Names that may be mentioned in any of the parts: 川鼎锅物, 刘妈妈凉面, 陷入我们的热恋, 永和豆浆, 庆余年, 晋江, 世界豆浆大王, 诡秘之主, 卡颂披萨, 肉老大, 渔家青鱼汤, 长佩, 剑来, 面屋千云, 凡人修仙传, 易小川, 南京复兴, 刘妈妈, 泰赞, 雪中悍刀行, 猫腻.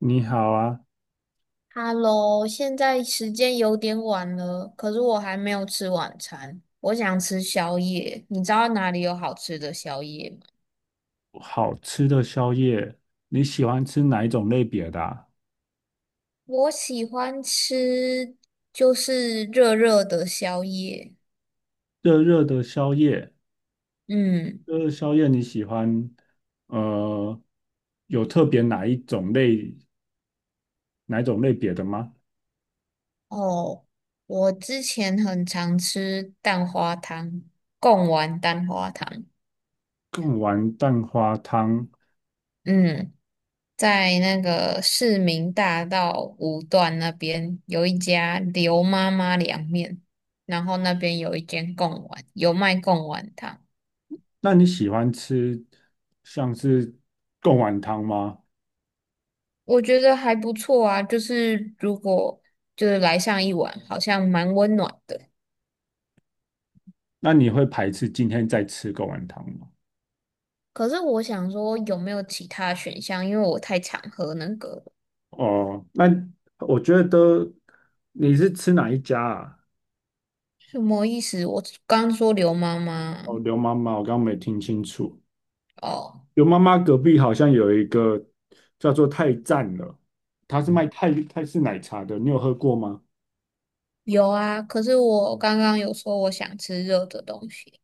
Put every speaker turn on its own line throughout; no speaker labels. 你好啊，
Hello，现在时间有点晚了，可是我还没有吃晚餐，我想吃宵夜。你知道哪里有好吃的宵夜吗？
好吃的宵夜，你喜欢吃哪一种类别的啊？
我喜欢吃就是热热的宵夜。
热热的宵夜，
嗯。
热热宵夜你喜欢，呃，有特别哪一种类别的吗？
哦，我之前很常吃蛋花汤，贡丸蛋花汤。
贡丸蛋花汤，
嗯。在那个市民大道五段那边有一家刘妈妈凉面，然后那边有一间贡丸，有卖贡丸汤，
那你喜欢吃像是贡丸汤吗？
我觉得还不错啊。就是如果就是来上一碗，好像蛮温暖的。
那你会排斥今天再吃贡丸汤吗？
可是我想说，有没有其他选项？因为我太常喝那个了。
哦，那我觉得你是吃哪一家啊？
什么意思？我刚说刘妈妈。
哦，刘妈妈，我刚刚没听清楚。
哦，
有妈妈隔壁好像有一个叫做泰赞了，它是卖泰式奶茶的，你有喝过吗？
有啊。可是我刚刚有说我想吃热的东西。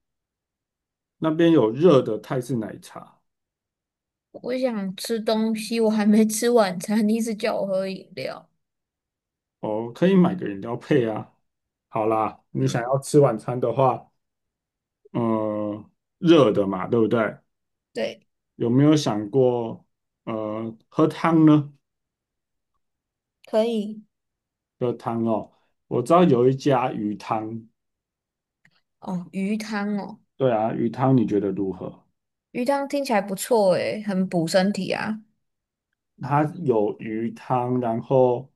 那边有热的泰式奶茶
我想吃东西，我还没吃晚餐，你一直叫我喝饮料。
哦，可以买个饮料配啊。好啦，你想
嗯。
要吃晚餐的话，呃，热的嘛，对不对？
对，
有没有想过，喝汤呢？
可以。
喝汤哦，我知道有一家鱼汤，
哦，鱼汤哦，
对啊，鱼汤你觉得如何？
鱼汤听起来不错诶，很补身体啊。
它有鱼汤，然后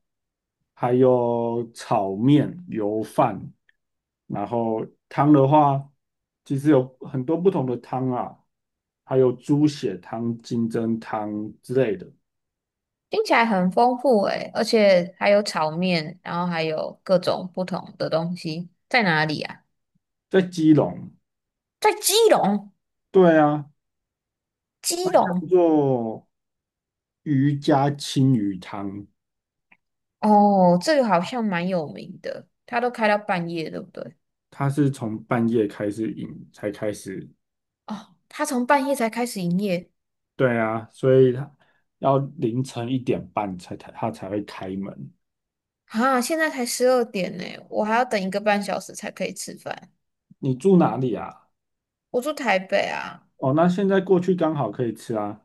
还有炒面、油饭，然后汤的话，其实有很多不同的汤啊，还有猪血汤、金针汤之类的。
听起来很丰富诶，而且还有炒面，然后还有各种不同的东西。在哪里啊？
在基隆，
在基隆，
对啊，
基隆。
叫做渔家青鱼汤，
哦，这个好像蛮有名的，它都开到半夜，对不对？
它是从半夜开始饮才开始，
哦，它从半夜才开始营业。
对啊，所以它要凌晨一点半才它才会开门。
啊，现在才12点呢，我还要等一个半小时才可以吃饭。
你住哪里啊？
我住台北啊。
哦，那现在过去刚好可以吃啊。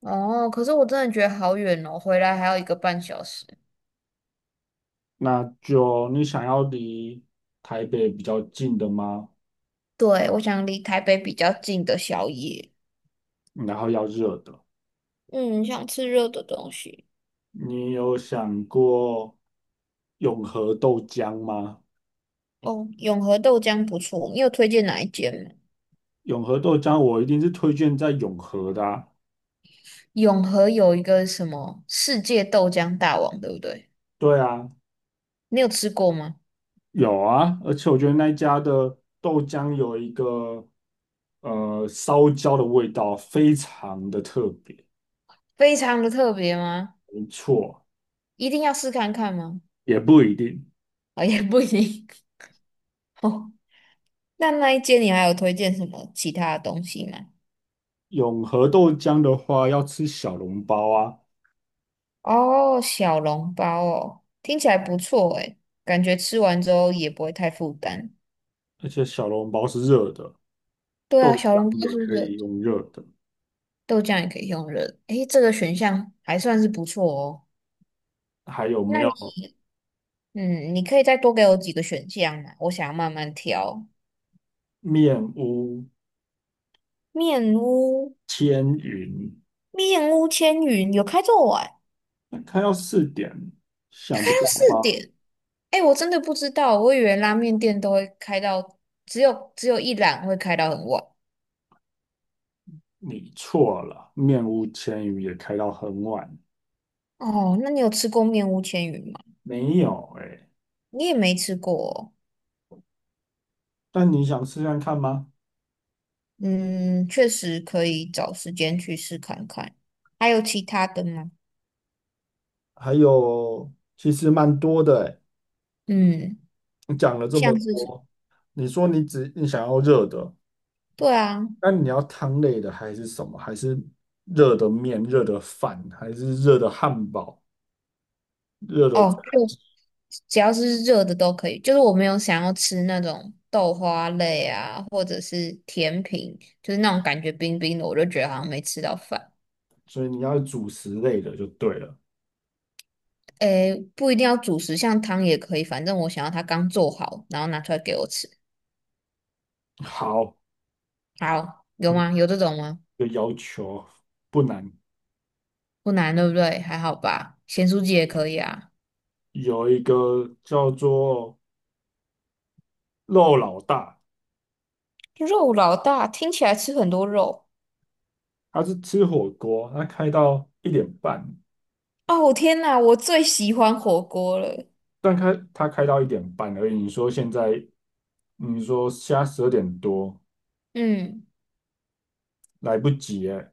哦，可是我真的觉得好远哦，回来还要一个半小时。
那就你想要离台北比较近的吗？
对，我想离台北比较近的宵夜。
然后要热的。
嗯，想吃热的东西。
你有想过永和豆浆吗？
哦，永和豆浆不错，你有推荐哪一间吗？
永和豆浆我一定是推荐在永和的啊。
永和有一个什么世界豆浆大王，对不对？
对啊，
你有吃过吗？
有啊，而且我觉得那一家的豆浆有一个烧焦的味道，非常的特别。
非常的特别吗？
没错，
一定要试看看吗？
也不一定。
啊、也不行。定。那那一间你还有推荐什么其他的东西吗？
永和豆浆的话，要吃小笼包啊。
哦，小笼包哦，听起来不错诶，感觉吃完之后也不会太负担。
而且小笼包是热的，
对啊，小笼包
也
是
可
热
以
的，
用热的。
豆浆也可以用热的。诶，这个选项还算是不错哦。
还有没
那
有
你，嗯，你可以再多给我几个选项嘛，我想要慢慢挑。
面屋、
面屋。
千云？
面屋千云有开这么晚？
那开到四点，
它
想
开
不
到
到
四
吧？
点。哎、我真的不知道，我以为拉面店都会开到只有一栏会开到很晚。
你错了，面屋千云也开到很晚。
哦，那你有吃过面屋千云吗？
没有哎、
你也没吃过哦。
但你想试看看吗？
嗯，确实可以找时间去试看看。还有其他的吗？
还有其实蛮多的诶，
嗯，
你讲了这么
像是什，
多，你说你想要热的，
对啊，
那你要汤类的还是什么？还是热的面、热的饭，还是热的汉堡、热
哦，
的？
就只要是热的都可以。就是我没有想要吃那种豆花类啊，或者是甜品，就是那种感觉冰冰的，我就觉得好像没吃到饭。
所以你要主食类的就对了。
诶，不一定要主食，像汤也可以，反正我想要它刚做好，然后拿出来给我吃。
好，
好，有
嗯，
吗？有这种吗？
一个要求不难，
不难，对不对？还好吧，咸酥鸡也可以啊。
有一个叫做肉老大，
肉老大听起来吃很多肉。
他是吃火锅，他开到一点半，
哦，天哪，我最喜欢火锅了。
他开到一点半而已。你说现在十二点多
嗯，
来不及哎，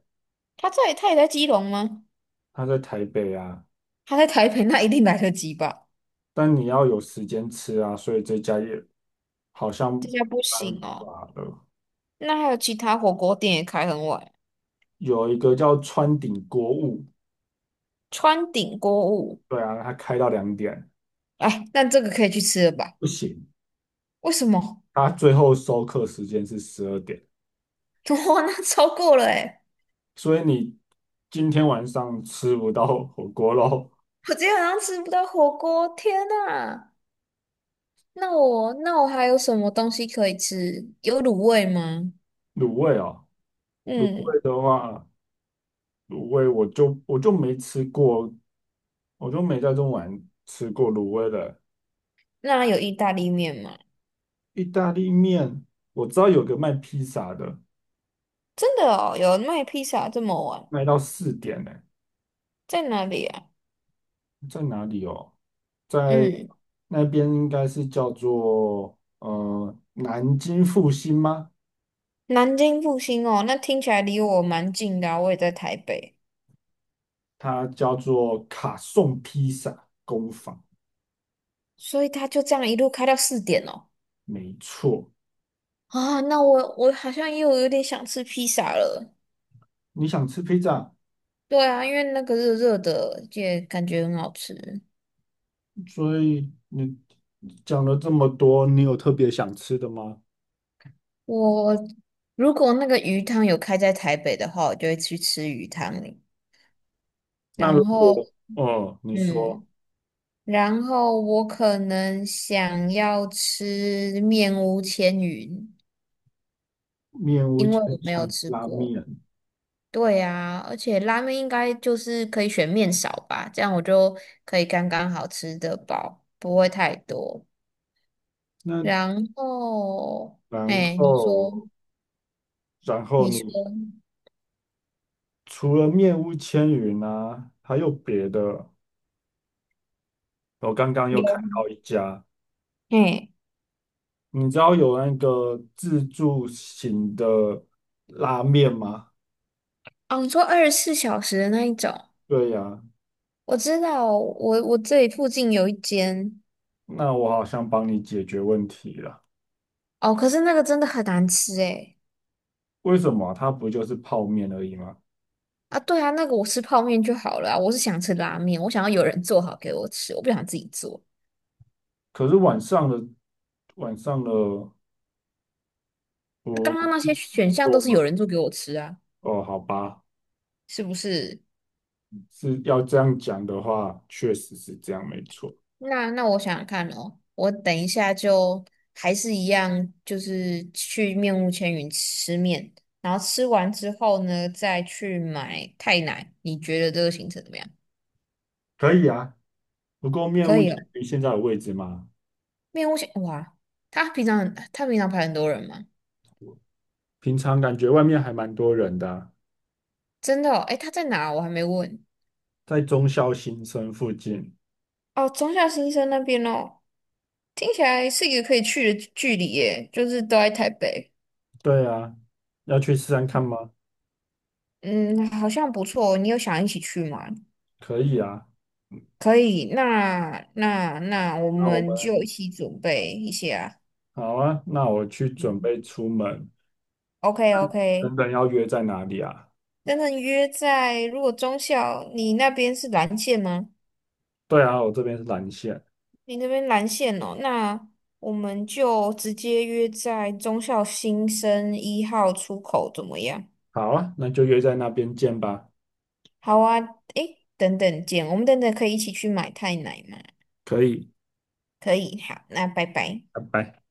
他也在基隆吗？
他在台北啊，
他在台北，那一定来得及吧？
但你要有时间吃啊，所以这家也好像
这家不
没办
行哦。
法了。
那还有其他火锅店也开很晚，
有一个叫川鼎锅物，
川鼎锅物。
对啊，他开到2点，
哎，那这个可以去吃了吧？
不行，
为什么？
他最后收课时间是十二点，
哇，那超过了哎！
所以你今天晚上吃不到火锅喽。
我今天晚上吃不到火锅，天呐！那我还有什么东西可以吃？有卤味吗？
卤味哦，卤
嗯，
味的话，卤味我就没吃过，我就没在中环吃过卤味的
那有意大利面吗？
意大利面，我知道有个卖披萨的，
真的哦，有卖披萨这么晚，
卖到四点呢、
在哪里啊？
在哪里哦？在
嗯，
那边应该是叫做南京复兴吗？
南京复兴哦，那听起来离我蛮近的啊我也在台北。
它叫做卡颂披萨。工坊。
所以他就这样一路开到四点哦。
没错，
啊，那我好像又有点想吃披萨了。
你想吃披萨，
对啊，因为那个热热的也感觉很好吃。
所以你讲了这么多，你有特别想吃的吗？
我如果那个鱼汤有开在台北的话，我就会去吃鱼汤。
那如
然后，
果，哦，你说
嗯。然后我可能想要吃面屋千云，
面屋
因为
千
我没有
想
吃
拉
过。
面，
对啊，而且拉面应该就是可以选面少吧，这样我就可以刚刚好吃的饱，不会太多。
那
然后，
然
哎，你说，
后，然后
你说
你除了面屋千云啊，还有别的？我刚刚又
有，
看到一家，
哎，
你知道有那个自助型的拉面吗？
哦，你说24小时的那一种，
对呀，
我知道，我这里附近有一间。
那我好像帮你解决问题了。
哦，可是那个真的很难吃，哎。
为什么它不就是泡面而已吗？
啊，对啊，那个我吃泡面就好了啊我是想吃拉面，我想要有人做好给我吃，我不想自己做。
可是晚上的
那刚
不
刚那些选项都
多
是有
吗？
人做给我吃啊，
哦，好吧，
是不是？
是要这样讲的话，确实是这样，没错。
那我想想看哦，我等一下就还是一样，就是去面屋千云吃面，然后吃完之后呢，再去买泰奶。你觉得这个行程怎么样？
可以啊，不过面
可
屋
以
介
哦，
于现在的位置吗？
面屋千，哇，他平常排很多人吗？
平常感觉外面还蛮多人的啊
真的哦，诶，他在哪？我还没问。
在中校新生附近。
哦，中校新生那边哦。听起来是一个可以去的距离耶，就是都在台北。
对啊，要去试试看吗？
嗯，好像不错。你有想一起去吗？
可以啊，
可以，那我
那我
们就一
们
起准备一下。
好啊，那我去准备出门。
OK OK，
等等要约在哪里啊？
真的约在如果中校你那边是蓝线吗？
对啊，我这边是蓝线。
你那边蓝线哦，那我们就直接约在中校新生1号出口怎么样？
好啊，那就约在那边见吧。
好啊，诶，等等见，我们等等可以一起去买太奶吗？
可以，
可以，好，那拜拜。
拜拜。